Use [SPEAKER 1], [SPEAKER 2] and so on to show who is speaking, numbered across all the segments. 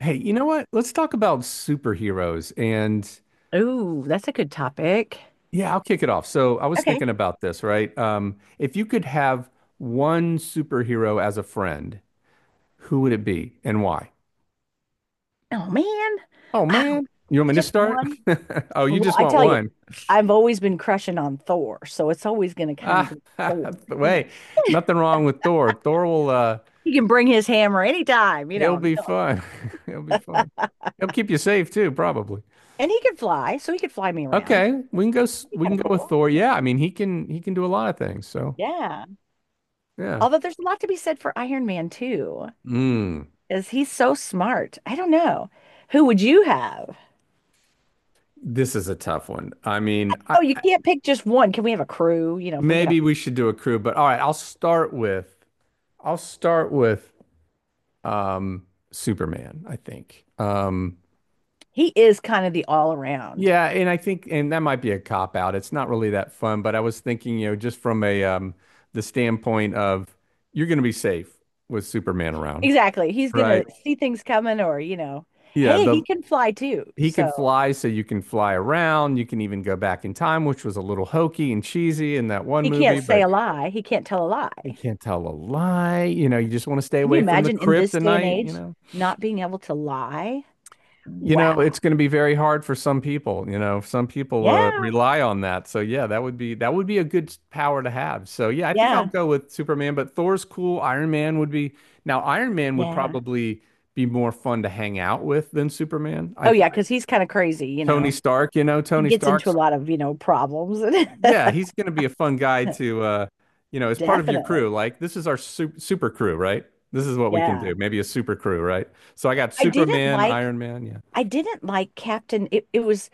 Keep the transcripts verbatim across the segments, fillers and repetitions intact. [SPEAKER 1] Hey, you know what? Let's talk about superheroes. And
[SPEAKER 2] Ooh, that's a good topic.
[SPEAKER 1] yeah, I'll kick it off. So I was
[SPEAKER 2] Okay.
[SPEAKER 1] thinking about this, right? Um, if you could have one superhero as a friend, who would it be and why?
[SPEAKER 2] Oh man.
[SPEAKER 1] Oh,
[SPEAKER 2] Ah,
[SPEAKER 1] man. You want me to
[SPEAKER 2] just
[SPEAKER 1] start?
[SPEAKER 2] one.
[SPEAKER 1] Oh, you
[SPEAKER 2] Well,
[SPEAKER 1] just
[SPEAKER 2] I
[SPEAKER 1] want
[SPEAKER 2] tell you,
[SPEAKER 1] one.
[SPEAKER 2] I've always been crushing on Thor, so it's always going to kind of
[SPEAKER 1] Ah,
[SPEAKER 2] go Thor, you know.
[SPEAKER 1] wait, nothing wrong with Thor. Thor will, uh,
[SPEAKER 2] He can bring his hammer anytime, you know,
[SPEAKER 1] he'll
[SPEAKER 2] I'm
[SPEAKER 1] be
[SPEAKER 2] telling
[SPEAKER 1] fun. He'll be fun. He'll keep you safe too, probably.
[SPEAKER 2] you. And he can fly, so he could fly me around.
[SPEAKER 1] Okay, we can go, s-
[SPEAKER 2] That'd be
[SPEAKER 1] we
[SPEAKER 2] kind
[SPEAKER 1] can
[SPEAKER 2] of
[SPEAKER 1] go with
[SPEAKER 2] cool,
[SPEAKER 1] Thor.
[SPEAKER 2] you know.
[SPEAKER 1] Yeah, I mean, he can, he can do a lot of things. So
[SPEAKER 2] Yeah.
[SPEAKER 1] yeah.
[SPEAKER 2] Although there's a lot to be said for Iron Man too,
[SPEAKER 1] Mm.
[SPEAKER 2] because he's so smart. I don't know. Who would you have?
[SPEAKER 1] This is a tough one. I mean, I,
[SPEAKER 2] Oh, you
[SPEAKER 1] I-
[SPEAKER 2] can't pick just one. Can we have a crew? You know, if we could have,
[SPEAKER 1] maybe we should do a crew, but all right, I'll start with I'll start with um Superman, I think. Um
[SPEAKER 2] he is kind of the all around.
[SPEAKER 1] yeah, and I think and that might be a cop out. It's not really that fun, but I was thinking, you know, just from a um the standpoint of you're going to be safe with Superman around,
[SPEAKER 2] Exactly. He's gonna
[SPEAKER 1] right?
[SPEAKER 2] see things coming or, you know,
[SPEAKER 1] Yeah,
[SPEAKER 2] hey, he
[SPEAKER 1] the
[SPEAKER 2] can fly too.
[SPEAKER 1] He can
[SPEAKER 2] So
[SPEAKER 1] fly so you can fly around. You can even go back in time, which was a little hokey and cheesy in that one
[SPEAKER 2] he can't
[SPEAKER 1] movie.
[SPEAKER 2] say a lie. He can't tell a
[SPEAKER 1] He
[SPEAKER 2] lie.
[SPEAKER 1] can't tell a lie. You know, you just want to stay
[SPEAKER 2] Can you
[SPEAKER 1] away from the
[SPEAKER 2] imagine in this day and
[SPEAKER 1] kryptonite, you
[SPEAKER 2] age
[SPEAKER 1] know.
[SPEAKER 2] not being able to lie?
[SPEAKER 1] You
[SPEAKER 2] Wow.
[SPEAKER 1] know, it's going to be very hard for some people, you know. Some people uh,
[SPEAKER 2] Yeah.
[SPEAKER 1] rely on that. So yeah, that would be that would be a good power to have. So yeah, I think I'll
[SPEAKER 2] Yeah.
[SPEAKER 1] go with Superman, but Thor's cool. Iron Man would be now Iron Man would
[SPEAKER 2] Yeah.
[SPEAKER 1] probably be more fun to hang out with than Superman. I
[SPEAKER 2] Oh yeah,
[SPEAKER 1] think
[SPEAKER 2] because he's kind of crazy, you
[SPEAKER 1] Tony
[SPEAKER 2] know.
[SPEAKER 1] Stark, you know,
[SPEAKER 2] He
[SPEAKER 1] Tony
[SPEAKER 2] gets into a
[SPEAKER 1] Stark's
[SPEAKER 2] lot of, you know, problems.
[SPEAKER 1] yeah, he's going to be a fun guy to, uh, you know, as part of your crew.
[SPEAKER 2] Definitely.
[SPEAKER 1] Like, this is our super, super crew, right? This is what we can
[SPEAKER 2] Yeah.
[SPEAKER 1] do. Maybe a super crew, right? So I got
[SPEAKER 2] I didn't
[SPEAKER 1] Superman,
[SPEAKER 2] like
[SPEAKER 1] Iron Man, yeah,
[SPEAKER 2] I didn't like Captain it, it was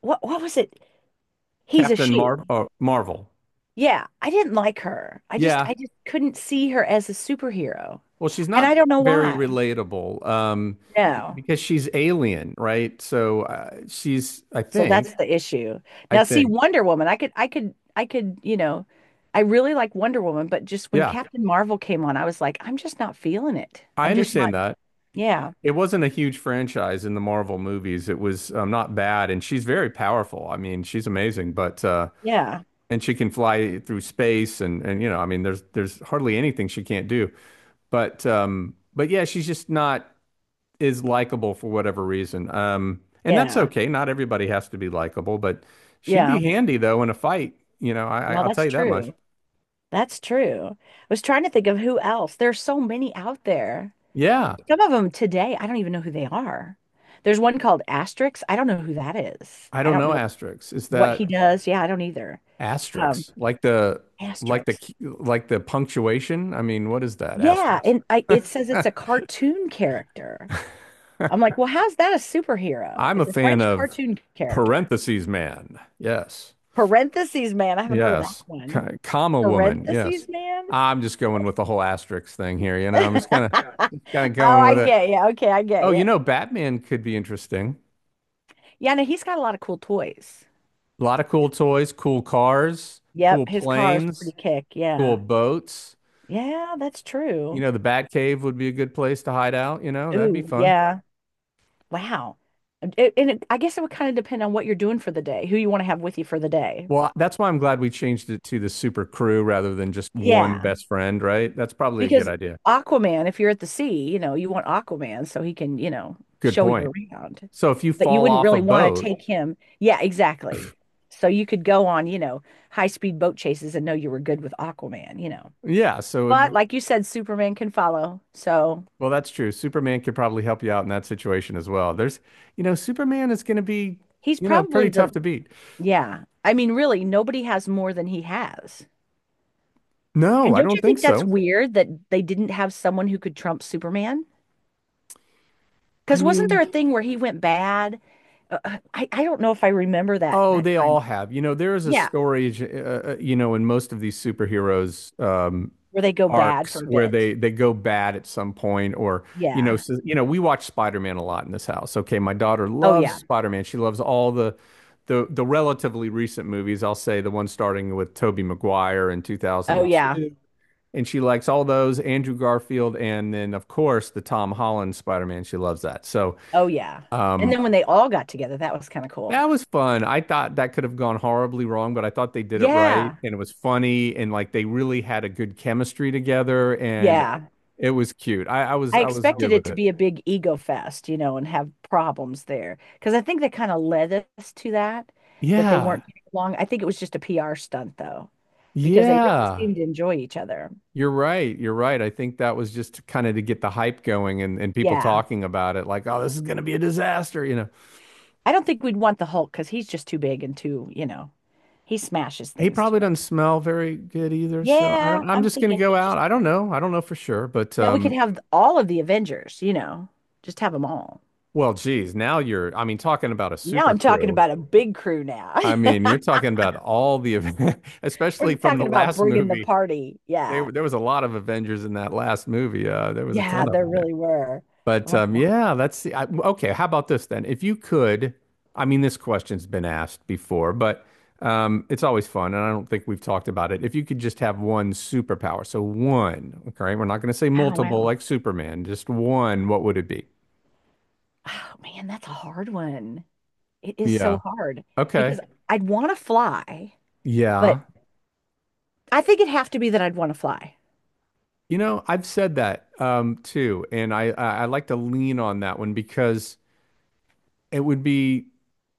[SPEAKER 2] what what was it? He's a
[SPEAKER 1] Captain
[SPEAKER 2] she.
[SPEAKER 1] Mar uh, Marvel.
[SPEAKER 2] Yeah, I didn't like her. I just
[SPEAKER 1] Yeah.
[SPEAKER 2] I just couldn't see her as a superhero.
[SPEAKER 1] Well, she's
[SPEAKER 2] And
[SPEAKER 1] not
[SPEAKER 2] I don't know
[SPEAKER 1] very
[SPEAKER 2] why.
[SPEAKER 1] relatable, um, b-
[SPEAKER 2] No.
[SPEAKER 1] because she's alien, right? So uh, she's, I
[SPEAKER 2] So
[SPEAKER 1] think,
[SPEAKER 2] that's the issue.
[SPEAKER 1] I
[SPEAKER 2] Now see
[SPEAKER 1] think,
[SPEAKER 2] Wonder Woman, I could I could I could, you know, I really like Wonder Woman, but just when
[SPEAKER 1] yeah,
[SPEAKER 2] Captain Marvel came on, I was like, I'm just not feeling it.
[SPEAKER 1] I
[SPEAKER 2] I'm just not
[SPEAKER 1] understand that.
[SPEAKER 2] yeah.
[SPEAKER 1] It wasn't a huge franchise in the Marvel movies. It was um, not bad, and she's very powerful. I mean, she's amazing, but uh,
[SPEAKER 2] Yeah.
[SPEAKER 1] and she can fly through space and and you know, I mean, there's there's hardly anything she can't do. But um, but yeah, she's just not is likable for whatever reason. Um, and that's
[SPEAKER 2] Yeah.
[SPEAKER 1] okay. Not everybody has to be likable, but she'd
[SPEAKER 2] Yeah.
[SPEAKER 1] be handy though in a fight. You know, I, I-
[SPEAKER 2] Well,
[SPEAKER 1] I'll tell
[SPEAKER 2] that's
[SPEAKER 1] you that much.
[SPEAKER 2] true. That's true. I was trying to think of who else. There's so many out there.
[SPEAKER 1] Yeah,
[SPEAKER 2] Some of them today, I don't even know who they are. There's one called Asterix. I don't know who that is.
[SPEAKER 1] I
[SPEAKER 2] I
[SPEAKER 1] don't
[SPEAKER 2] don't
[SPEAKER 1] know
[SPEAKER 2] know
[SPEAKER 1] asterisks. Is
[SPEAKER 2] what he
[SPEAKER 1] that
[SPEAKER 2] does. Yeah, I don't either. Um,
[SPEAKER 1] asterisks like the like the
[SPEAKER 2] Asterix.
[SPEAKER 1] key- like the punctuation? I mean, what is that
[SPEAKER 2] Yeah,
[SPEAKER 1] asterisk?
[SPEAKER 2] and I it says it's a cartoon character. I'm like, well, how's that a superhero?
[SPEAKER 1] I'm a
[SPEAKER 2] It's a
[SPEAKER 1] fan
[SPEAKER 2] French
[SPEAKER 1] of
[SPEAKER 2] cartoon character.
[SPEAKER 1] parentheses man. Yes.
[SPEAKER 2] Parentheses man. I haven't heard of that
[SPEAKER 1] Yes.
[SPEAKER 2] one.
[SPEAKER 1] Ka- Kama woman. Yes.
[SPEAKER 2] Parentheses man.
[SPEAKER 1] I'm just going with the whole asterisk thing here. You know, I'm just kind of kind of
[SPEAKER 2] Oh,
[SPEAKER 1] going
[SPEAKER 2] I
[SPEAKER 1] with it.
[SPEAKER 2] get you. Okay, I get
[SPEAKER 1] Oh, you
[SPEAKER 2] you.
[SPEAKER 1] know, Batman could be interesting.
[SPEAKER 2] Yeah, no, he's got a lot of cool toys.
[SPEAKER 1] A lot of cool toys, cool cars, cool
[SPEAKER 2] Yep, his car is pretty
[SPEAKER 1] planes,
[SPEAKER 2] kick.
[SPEAKER 1] cool
[SPEAKER 2] Yeah.
[SPEAKER 1] boats.
[SPEAKER 2] Yeah, that's
[SPEAKER 1] You
[SPEAKER 2] true.
[SPEAKER 1] know, the Batcave would be a good place to hide out. You know, that'd be
[SPEAKER 2] Ooh,
[SPEAKER 1] fun.
[SPEAKER 2] yeah. Wow. And it, and it, I guess it would kind of depend on what you're doing for the day, who you want to have with you for the day.
[SPEAKER 1] Well, that's why I'm glad we changed it to the super crew rather than just one
[SPEAKER 2] Yeah.
[SPEAKER 1] best friend, right? That's probably a good
[SPEAKER 2] Because
[SPEAKER 1] idea.
[SPEAKER 2] Aquaman, if you're at the sea, you know, you want Aquaman so he can, you know,
[SPEAKER 1] Good
[SPEAKER 2] show
[SPEAKER 1] point.
[SPEAKER 2] you around.
[SPEAKER 1] So if you
[SPEAKER 2] But you
[SPEAKER 1] fall
[SPEAKER 2] wouldn't
[SPEAKER 1] off a
[SPEAKER 2] really want to
[SPEAKER 1] boat,
[SPEAKER 2] take him. Yeah, exactly. So you could go on, you know, high-speed boat chases and know you were good with Aquaman, you know.
[SPEAKER 1] yeah, so it
[SPEAKER 2] But like you said, Superman can follow. So
[SPEAKER 1] Well, that's true. Superman could probably help you out in that situation as well. There's, you know, Superman is going to be,
[SPEAKER 2] he's
[SPEAKER 1] you know, pretty
[SPEAKER 2] probably the,
[SPEAKER 1] tough to beat.
[SPEAKER 2] yeah. I mean, really, nobody has more than he has.
[SPEAKER 1] No,
[SPEAKER 2] And
[SPEAKER 1] I
[SPEAKER 2] don't
[SPEAKER 1] don't
[SPEAKER 2] you
[SPEAKER 1] think
[SPEAKER 2] think that's
[SPEAKER 1] so.
[SPEAKER 2] weird that they didn't have someone who could trump Superman?
[SPEAKER 1] I
[SPEAKER 2] Because wasn't
[SPEAKER 1] mean,
[SPEAKER 2] there a thing where he went bad? Uh, uh, I, I don't know if I remember that
[SPEAKER 1] oh,
[SPEAKER 2] that
[SPEAKER 1] they
[SPEAKER 2] time.
[SPEAKER 1] all have. You know, there is a
[SPEAKER 2] Yeah,
[SPEAKER 1] story, uh, uh, uh, you know, in most of these superheroes um,
[SPEAKER 2] where they go bad
[SPEAKER 1] arcs
[SPEAKER 2] for a
[SPEAKER 1] where
[SPEAKER 2] bit.
[SPEAKER 1] they they go bad at some point, or you know,
[SPEAKER 2] Yeah.
[SPEAKER 1] so, you know, we watch Spider-Man a lot in this house. Okay, my daughter
[SPEAKER 2] Oh
[SPEAKER 1] loves
[SPEAKER 2] yeah.
[SPEAKER 1] Spider-Man. She loves all the the the relatively recent movies. I'll say the one starting with Tobey Maguire in
[SPEAKER 2] Oh yeah.
[SPEAKER 1] two thousand two and she likes all those Andrew Garfield and then of course the Tom Holland Spider-Man. She loves that. So
[SPEAKER 2] Oh yeah. And
[SPEAKER 1] um
[SPEAKER 2] then when they all got together, that was kind of cool.
[SPEAKER 1] that was fun. I thought that could have gone horribly wrong, but I thought they did it right
[SPEAKER 2] Yeah.
[SPEAKER 1] and it was funny and like they really had a good chemistry together and
[SPEAKER 2] Yeah.
[SPEAKER 1] it was cute. I, I was
[SPEAKER 2] I
[SPEAKER 1] I was good
[SPEAKER 2] expected it
[SPEAKER 1] with
[SPEAKER 2] to
[SPEAKER 1] it.
[SPEAKER 2] be a big ego fest, you know, and have problems there because I think that kind of led us to that, that they
[SPEAKER 1] Yeah.
[SPEAKER 2] weren't getting along. I think it was just a P R stunt though, because they really
[SPEAKER 1] Yeah.
[SPEAKER 2] seemed to enjoy each other.
[SPEAKER 1] You're right. You're right. I think that was just kind of to get the hype going and, and people
[SPEAKER 2] Yeah. Yeah.
[SPEAKER 1] talking about it, like, oh, this is gonna be a disaster, you know.
[SPEAKER 2] I don't think we'd want the Hulk because he's just too big and too, you know, he smashes
[SPEAKER 1] He
[SPEAKER 2] things too
[SPEAKER 1] probably
[SPEAKER 2] much.
[SPEAKER 1] doesn't smell very good either, so I
[SPEAKER 2] Yeah,
[SPEAKER 1] don't. I'm
[SPEAKER 2] I'm
[SPEAKER 1] just gonna
[SPEAKER 2] thinking
[SPEAKER 1] go
[SPEAKER 2] he
[SPEAKER 1] out.
[SPEAKER 2] just.
[SPEAKER 1] I don't know. I don't know for sure, but
[SPEAKER 2] Now we could
[SPEAKER 1] um,
[SPEAKER 2] have all of the Avengers, you know, just have them all.
[SPEAKER 1] well, geez, now you're. I mean, talking about a
[SPEAKER 2] Now
[SPEAKER 1] super
[SPEAKER 2] I'm talking
[SPEAKER 1] crew.
[SPEAKER 2] about a big crew now.
[SPEAKER 1] I mean, you're talking about all the, event-
[SPEAKER 2] We're
[SPEAKER 1] especially from the
[SPEAKER 2] talking about
[SPEAKER 1] last
[SPEAKER 2] bringing the
[SPEAKER 1] movie.
[SPEAKER 2] party.
[SPEAKER 1] They,
[SPEAKER 2] Yeah.
[SPEAKER 1] there was a lot of Avengers in that last movie. Uh, there was a
[SPEAKER 2] Yeah,
[SPEAKER 1] ton of
[SPEAKER 2] there
[SPEAKER 1] them there.
[SPEAKER 2] really were.
[SPEAKER 1] But
[SPEAKER 2] I'm
[SPEAKER 1] um,
[SPEAKER 2] like,
[SPEAKER 1] yeah, that's the, I, okay. How about this then? If you could, I mean, this question's been asked before, but um, it's always fun, and I don't think we've talked about it. If you could just have one superpower, so one, okay, we're not going to say
[SPEAKER 2] wow,
[SPEAKER 1] multiple
[SPEAKER 2] wow.
[SPEAKER 1] like Superman, just one, what would it be?
[SPEAKER 2] Oh man, that's a hard one. It is
[SPEAKER 1] Yeah.
[SPEAKER 2] so hard
[SPEAKER 1] Okay.
[SPEAKER 2] because I'd want to fly, but
[SPEAKER 1] Yeah.
[SPEAKER 2] I think it'd have to be that I'd want to fly.
[SPEAKER 1] You know, I've said that um, too, and I, I I like to lean on that one because it would be.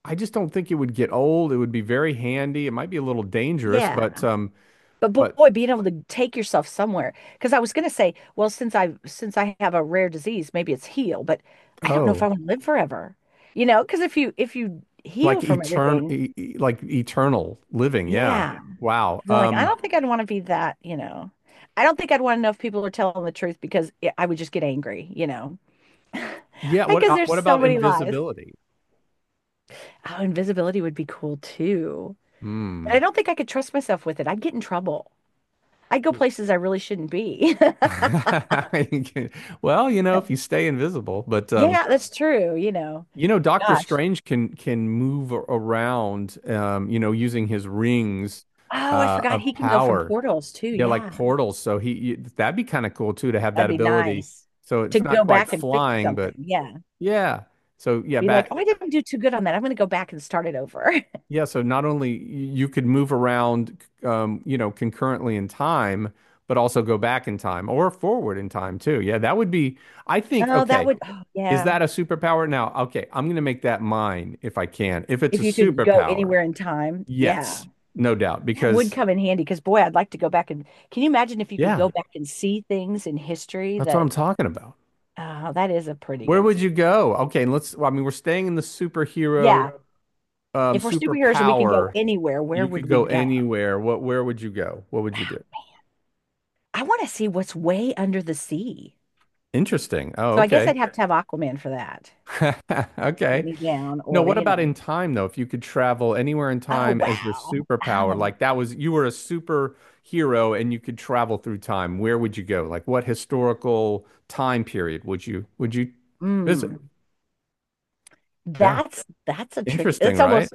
[SPEAKER 1] I just don't think it would get old. It would be very handy. It might be a little dangerous, but
[SPEAKER 2] Yeah.
[SPEAKER 1] um,
[SPEAKER 2] But
[SPEAKER 1] but
[SPEAKER 2] boy, being able to take yourself somewhere. Because I was gonna say, well, since I since I have a rare disease, maybe it's heal, but I don't know if
[SPEAKER 1] Oh,
[SPEAKER 2] I want to live forever. You know, because if you if you heal
[SPEAKER 1] like
[SPEAKER 2] from
[SPEAKER 1] etern
[SPEAKER 2] everything,
[SPEAKER 1] e- e- like eternal living. Yeah.
[SPEAKER 2] yeah.
[SPEAKER 1] Wow.
[SPEAKER 2] I'm like, I
[SPEAKER 1] Um.
[SPEAKER 2] don't think I'd want to be that, you know. I don't think I'd want to know if people are telling the truth because it, I would just get angry, you know.
[SPEAKER 1] Yeah.
[SPEAKER 2] I
[SPEAKER 1] What
[SPEAKER 2] guess
[SPEAKER 1] uh,
[SPEAKER 2] there's
[SPEAKER 1] what
[SPEAKER 2] so
[SPEAKER 1] about
[SPEAKER 2] many lies.
[SPEAKER 1] invisibility?
[SPEAKER 2] Oh, invisibility would be cool too. But I
[SPEAKER 1] Hmm.
[SPEAKER 2] don't think I could trust myself with it. I'd get in trouble. I'd go
[SPEAKER 1] Ye-
[SPEAKER 2] places I really shouldn't be.
[SPEAKER 1] You can- Well, you know, if you stay invisible, but um,
[SPEAKER 2] Yeah, that's true, you know.
[SPEAKER 1] you know, Doctor
[SPEAKER 2] Gosh.
[SPEAKER 1] Strange can can move a- around. Um, you know, using his rings,
[SPEAKER 2] Oh, I
[SPEAKER 1] uh, of
[SPEAKER 2] forgot he can go from
[SPEAKER 1] power.
[SPEAKER 2] portals too.
[SPEAKER 1] Yeah, like
[SPEAKER 2] Yeah.
[SPEAKER 1] portals. So he you, that'd be kind of cool too to have
[SPEAKER 2] That'd
[SPEAKER 1] that
[SPEAKER 2] be
[SPEAKER 1] ability.
[SPEAKER 2] nice
[SPEAKER 1] So
[SPEAKER 2] to
[SPEAKER 1] it's not
[SPEAKER 2] go
[SPEAKER 1] quite
[SPEAKER 2] back and fix
[SPEAKER 1] flying,
[SPEAKER 2] something.
[SPEAKER 1] but
[SPEAKER 2] Yeah.
[SPEAKER 1] yeah. So yeah,
[SPEAKER 2] Be like,
[SPEAKER 1] back
[SPEAKER 2] oh, I didn't do too good on that. I'm going to go back and start it over.
[SPEAKER 1] Yeah, so not only you could move around, um, you know, concurrently in time, but also go back in time or forward in time too. Yeah, that would be, I think,
[SPEAKER 2] Oh, that
[SPEAKER 1] okay,
[SPEAKER 2] would, oh,
[SPEAKER 1] is
[SPEAKER 2] yeah.
[SPEAKER 1] that a superpower? Now, okay, I'm going to make that mine if I can. If it's a
[SPEAKER 2] If you could go
[SPEAKER 1] superpower,
[SPEAKER 2] anywhere in time, yeah,
[SPEAKER 1] yes, no doubt,
[SPEAKER 2] that would
[SPEAKER 1] because
[SPEAKER 2] come in handy because boy, I'd like to go back and can you imagine if you could
[SPEAKER 1] yeah,
[SPEAKER 2] go back and see things in history
[SPEAKER 1] that's what
[SPEAKER 2] that
[SPEAKER 1] I'm talking about.
[SPEAKER 2] uh, that is a pretty
[SPEAKER 1] Where
[SPEAKER 2] good
[SPEAKER 1] would
[SPEAKER 2] se-
[SPEAKER 1] you go? Okay, and let's, well, I mean, we're staying in the superhero,
[SPEAKER 2] yeah,
[SPEAKER 1] um,
[SPEAKER 2] if we're superheroes and we can go
[SPEAKER 1] superpower.
[SPEAKER 2] anywhere, where
[SPEAKER 1] You
[SPEAKER 2] would
[SPEAKER 1] could
[SPEAKER 2] we
[SPEAKER 1] go
[SPEAKER 2] go?
[SPEAKER 1] anywhere. What, where would you go? What would you do?
[SPEAKER 2] I want to see what's way under the sea.
[SPEAKER 1] Interesting. Oh,
[SPEAKER 2] So I guess
[SPEAKER 1] okay.
[SPEAKER 2] I'd have to have Aquaman for that. Get
[SPEAKER 1] Okay.
[SPEAKER 2] me down,
[SPEAKER 1] No,
[SPEAKER 2] or
[SPEAKER 1] what
[SPEAKER 2] you
[SPEAKER 1] about in
[SPEAKER 2] know,
[SPEAKER 1] time though? If you could travel anywhere in
[SPEAKER 2] oh
[SPEAKER 1] time as your
[SPEAKER 2] wow,
[SPEAKER 1] superpower,
[SPEAKER 2] um,
[SPEAKER 1] like that was you were a superhero and you could travel through time, where would you go? Like what historical time period would you would you visit?
[SPEAKER 2] mm,
[SPEAKER 1] Yeah.
[SPEAKER 2] that's that's a tricky.
[SPEAKER 1] Interesting,
[SPEAKER 2] It's
[SPEAKER 1] right?
[SPEAKER 2] almost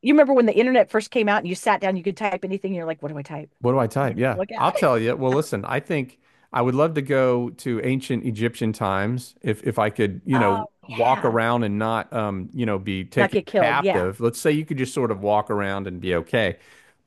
[SPEAKER 2] you remember when the internet first came out and you sat down, you could type anything, and you're like, what do I type?
[SPEAKER 1] What do I type? Yeah,
[SPEAKER 2] Look
[SPEAKER 1] I'll
[SPEAKER 2] out.
[SPEAKER 1] tell you. Well, listen, I think I would love to go to ancient Egyptian times if if I could, you know,
[SPEAKER 2] Oh,
[SPEAKER 1] walk
[SPEAKER 2] yeah.
[SPEAKER 1] around and not, um, you know, be
[SPEAKER 2] Not
[SPEAKER 1] taken
[SPEAKER 2] get killed. Yeah.
[SPEAKER 1] captive. Let's say you could just sort of walk around and be okay.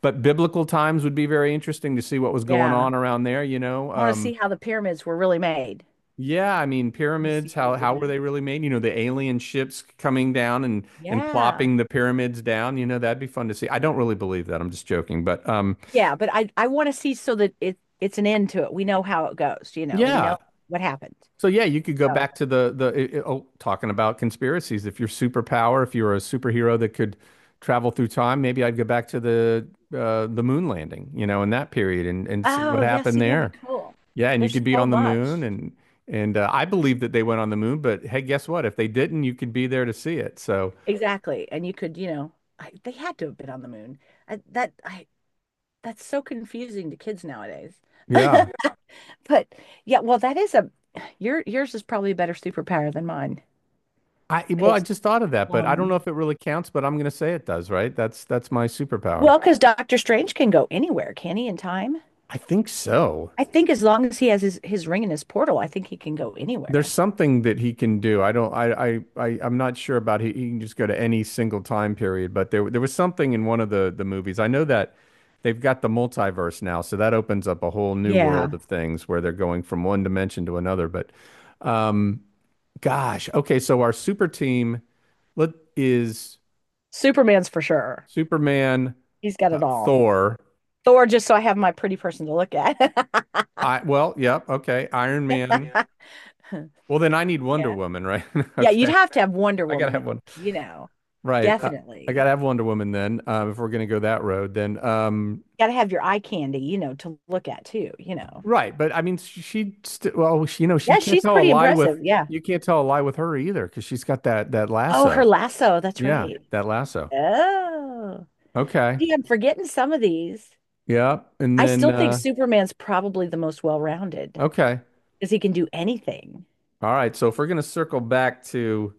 [SPEAKER 1] But biblical times would be very interesting to see what was going
[SPEAKER 2] Yeah.
[SPEAKER 1] on around there, you know.
[SPEAKER 2] I want to
[SPEAKER 1] Um,
[SPEAKER 2] see how the pyramids were really made.
[SPEAKER 1] yeah, I mean,
[SPEAKER 2] I want to
[SPEAKER 1] pyramids,
[SPEAKER 2] see how
[SPEAKER 1] how
[SPEAKER 2] they did
[SPEAKER 1] how were
[SPEAKER 2] that.
[SPEAKER 1] they really made? You know, the alien ships coming down and and
[SPEAKER 2] Yeah.
[SPEAKER 1] plopping the pyramids down, you know, that'd be fun to see. I don't really believe that. I'm just joking, but um,
[SPEAKER 2] Yeah, but I I want to see so that it it's an end to it. We know how it goes, you know. We
[SPEAKER 1] yeah.
[SPEAKER 2] know what happened.
[SPEAKER 1] So yeah, you could go
[SPEAKER 2] So,
[SPEAKER 1] back to the the oh, talking about conspiracies. If you're superpower, if you're a superhero that could travel through time, maybe I'd go back to the uh, the moon landing, you know, in that period and and see what
[SPEAKER 2] oh, yeah,
[SPEAKER 1] happened
[SPEAKER 2] see that'd be
[SPEAKER 1] there.
[SPEAKER 2] cool.
[SPEAKER 1] Yeah, and you
[SPEAKER 2] There's
[SPEAKER 1] could be
[SPEAKER 2] so
[SPEAKER 1] on the moon
[SPEAKER 2] much.
[SPEAKER 1] and and uh, I believe that they went on the moon, but hey, guess what? If they didn't, you could be there to see it. So
[SPEAKER 2] Exactly. And you could, you know, I, they had to have been on the moon. I, that I that's so confusing to kids nowadays.
[SPEAKER 1] yeah,
[SPEAKER 2] But yeah, well, that is a your yours is probably a better superpower than mine.
[SPEAKER 1] I well, I just thought of that, but I don't know
[SPEAKER 2] Um,
[SPEAKER 1] if it really counts, but I'm gonna say it does, right? That's that's my superpower.
[SPEAKER 2] Well, because Doctor Strange can go anywhere, can he, in time?
[SPEAKER 1] I think so.
[SPEAKER 2] I think as long as he has his, his ring and his portal, I think he can go
[SPEAKER 1] There's
[SPEAKER 2] anywhere.
[SPEAKER 1] something that he can do. I don't I I, I I'm not sure about he, he can just go to any single time period, but there there was something in one of the the movies. I know that they've got the multiverse now, so that opens up a whole new world
[SPEAKER 2] Yeah.
[SPEAKER 1] of things where they're going from one dimension to another. But um gosh, okay, so our super team let is
[SPEAKER 2] Superman's for sure.
[SPEAKER 1] Superman,
[SPEAKER 2] He's got
[SPEAKER 1] uh,
[SPEAKER 2] it all.
[SPEAKER 1] Thor,
[SPEAKER 2] Thor, just so I have my pretty person to look at.
[SPEAKER 1] I well, yep, okay, Iron Man. Well, then I need Wonder
[SPEAKER 2] Yeah.
[SPEAKER 1] Woman, right?
[SPEAKER 2] Yeah, you'd
[SPEAKER 1] Okay.
[SPEAKER 2] have to have Wonder
[SPEAKER 1] I gotta
[SPEAKER 2] Woman
[SPEAKER 1] have
[SPEAKER 2] in,
[SPEAKER 1] one.
[SPEAKER 2] you know,
[SPEAKER 1] Right. Uh, I
[SPEAKER 2] definitely.
[SPEAKER 1] gotta have Wonder Woman then, uh, if we're gonna go that road, then um
[SPEAKER 2] Got to have your eye candy, you know, to look at too, you know.
[SPEAKER 1] right. But I mean she, she st well, she, you know, she, you
[SPEAKER 2] Yeah,
[SPEAKER 1] can't
[SPEAKER 2] she's
[SPEAKER 1] tell a
[SPEAKER 2] pretty
[SPEAKER 1] lie
[SPEAKER 2] impressive.
[SPEAKER 1] with
[SPEAKER 2] Yeah.
[SPEAKER 1] you can't tell a lie with her either because she's got that that
[SPEAKER 2] Oh,
[SPEAKER 1] lasso.
[SPEAKER 2] her lasso. That's
[SPEAKER 1] Yeah,
[SPEAKER 2] right.
[SPEAKER 1] that lasso.
[SPEAKER 2] Oh,
[SPEAKER 1] Okay.
[SPEAKER 2] gee, I'm forgetting some of these.
[SPEAKER 1] Yeah. And
[SPEAKER 2] I
[SPEAKER 1] then
[SPEAKER 2] still think
[SPEAKER 1] uh
[SPEAKER 2] Superman's probably the most well-rounded
[SPEAKER 1] okay.
[SPEAKER 2] because he can do anything.
[SPEAKER 1] All right, so if we're gonna circle back to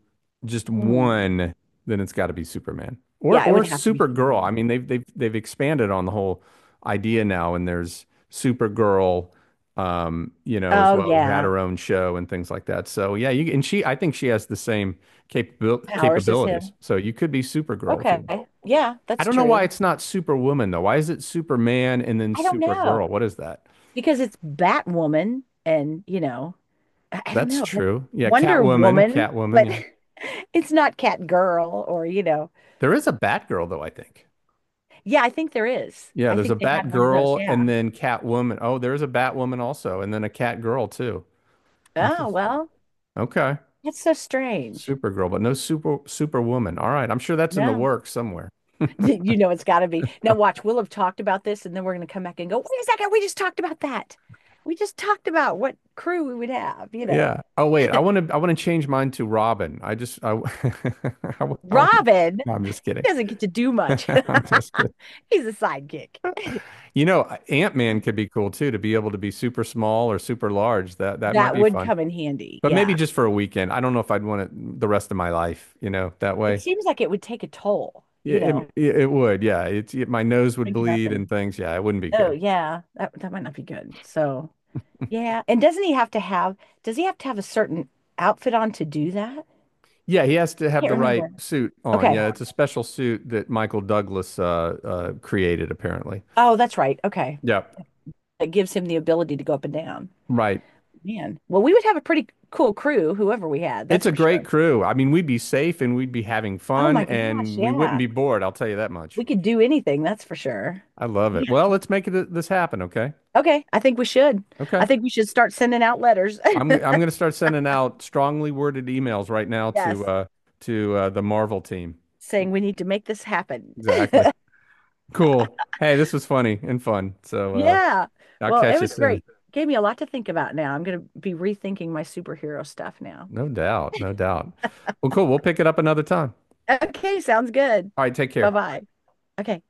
[SPEAKER 1] just
[SPEAKER 2] Hmm.
[SPEAKER 1] one, then it's got to be Superman or
[SPEAKER 2] Yeah, it
[SPEAKER 1] or
[SPEAKER 2] would have to be
[SPEAKER 1] Supergirl. I
[SPEAKER 2] Superman.
[SPEAKER 1] mean, they've they've they've expanded on the whole idea now, and there's Supergirl, um, you know, as
[SPEAKER 2] Oh
[SPEAKER 1] well, who had
[SPEAKER 2] yeah,
[SPEAKER 1] her own show and things like that. So yeah, you and she, I think she has the same capabil
[SPEAKER 2] Powers is
[SPEAKER 1] capabilities.
[SPEAKER 2] him.
[SPEAKER 1] So you could be Supergirl if you
[SPEAKER 2] Okay,
[SPEAKER 1] want.
[SPEAKER 2] yeah,
[SPEAKER 1] I
[SPEAKER 2] that's
[SPEAKER 1] don't know why
[SPEAKER 2] true.
[SPEAKER 1] it's not Superwoman though. Why is it Superman and then
[SPEAKER 2] I don't know
[SPEAKER 1] Supergirl? What is that?
[SPEAKER 2] because it's Batwoman, and you know, I, I don't
[SPEAKER 1] That's
[SPEAKER 2] know. That's
[SPEAKER 1] true. Yeah,
[SPEAKER 2] Wonder
[SPEAKER 1] Catwoman,
[SPEAKER 2] Woman,
[SPEAKER 1] Catwoman.
[SPEAKER 2] but
[SPEAKER 1] Yeah,
[SPEAKER 2] it's not Catgirl or you know.
[SPEAKER 1] there is a Batgirl though, I think.
[SPEAKER 2] Yeah, I think there is.
[SPEAKER 1] Yeah,
[SPEAKER 2] I
[SPEAKER 1] there's a
[SPEAKER 2] think they had
[SPEAKER 1] Bat
[SPEAKER 2] one of those.
[SPEAKER 1] Girl and
[SPEAKER 2] Yeah.
[SPEAKER 1] then Catwoman. Oh, there's a Batwoman also, and then a Cat Girl too.
[SPEAKER 2] Oh
[SPEAKER 1] Interesting.
[SPEAKER 2] well,
[SPEAKER 1] Okay.
[SPEAKER 2] that's so strange.
[SPEAKER 1] Supergirl, but no super Superwoman. All right. I'm sure that's in the
[SPEAKER 2] No.
[SPEAKER 1] works somewhere.
[SPEAKER 2] You know, it's got to be. Now, watch, we'll have talked about this, and then we're going to come back and go, wait a second, we just talked about that. We just talked about what crew we would have. You know,
[SPEAKER 1] Yeah. Oh, wait. I want to I want to change mine to Robin. I just I I, want to
[SPEAKER 2] Robin,
[SPEAKER 1] No, I'm just kidding.
[SPEAKER 2] he doesn't get to do much.
[SPEAKER 1] I'm just kidding.
[SPEAKER 2] He's a sidekick.
[SPEAKER 1] You know, Ant-Man could be cool too to be able to be super small or super large. That that might
[SPEAKER 2] That
[SPEAKER 1] be
[SPEAKER 2] would
[SPEAKER 1] fun.
[SPEAKER 2] come in handy.
[SPEAKER 1] But maybe
[SPEAKER 2] Yeah.
[SPEAKER 1] just for a weekend. I don't know if I'd want it the rest of my life, you know, that
[SPEAKER 2] It
[SPEAKER 1] way.
[SPEAKER 2] seems like it would take a toll,
[SPEAKER 1] Yeah,
[SPEAKER 2] you
[SPEAKER 1] it
[SPEAKER 2] know,
[SPEAKER 1] yeah, it would. Yeah, it's it, my nose would
[SPEAKER 2] drinking up
[SPEAKER 1] bleed and
[SPEAKER 2] and,
[SPEAKER 1] things. Yeah, it wouldn't be
[SPEAKER 2] oh,
[SPEAKER 1] good.
[SPEAKER 2] yeah, that, that might not be good. So, yeah. And doesn't he have to have, does he have to have a certain outfit on to do that? Can't
[SPEAKER 1] Yeah, he has to have
[SPEAKER 2] yeah,
[SPEAKER 1] the right
[SPEAKER 2] remember.
[SPEAKER 1] suit on.
[SPEAKER 2] Okay.
[SPEAKER 1] Yeah, it's a special suit that Michael Douglas uh, uh, created, apparently.
[SPEAKER 2] Oh, that's right. Okay.
[SPEAKER 1] Yeah,
[SPEAKER 2] That gives him the ability to go up and down.
[SPEAKER 1] right.
[SPEAKER 2] Man, well, we would have a pretty cool crew, whoever we had,
[SPEAKER 1] It's
[SPEAKER 2] that's
[SPEAKER 1] a
[SPEAKER 2] for sure.
[SPEAKER 1] great crew. I mean, we'd be safe and we'd be having
[SPEAKER 2] Oh
[SPEAKER 1] fun
[SPEAKER 2] my gosh,
[SPEAKER 1] and we wouldn't
[SPEAKER 2] yeah.
[SPEAKER 1] be bored. I'll tell you that much.
[SPEAKER 2] We could do anything, that's for sure.
[SPEAKER 1] I love it.
[SPEAKER 2] Yeah.
[SPEAKER 1] Well, let's make it, this happen. Okay.
[SPEAKER 2] Okay, I think we should. I
[SPEAKER 1] Okay.
[SPEAKER 2] think we should start sending out letters.
[SPEAKER 1] I'm I'm going to start sending out strongly worded emails right now to
[SPEAKER 2] Yes,
[SPEAKER 1] uh, to uh, the Marvel team.
[SPEAKER 2] saying we need to make this happen.
[SPEAKER 1] Exactly. Cool. Hey, this was funny and fun. So. Uh,
[SPEAKER 2] Yeah.
[SPEAKER 1] I'll
[SPEAKER 2] Well, it
[SPEAKER 1] catch you
[SPEAKER 2] was
[SPEAKER 1] soon.
[SPEAKER 2] great. Gave me a lot to think about now. I'm going to be rethinking my superhero stuff now.
[SPEAKER 1] No doubt. No doubt. Well, cool. We'll pick it up another time.
[SPEAKER 2] Okay, sounds good.
[SPEAKER 1] All right. Take care.
[SPEAKER 2] Bye-bye. Okay.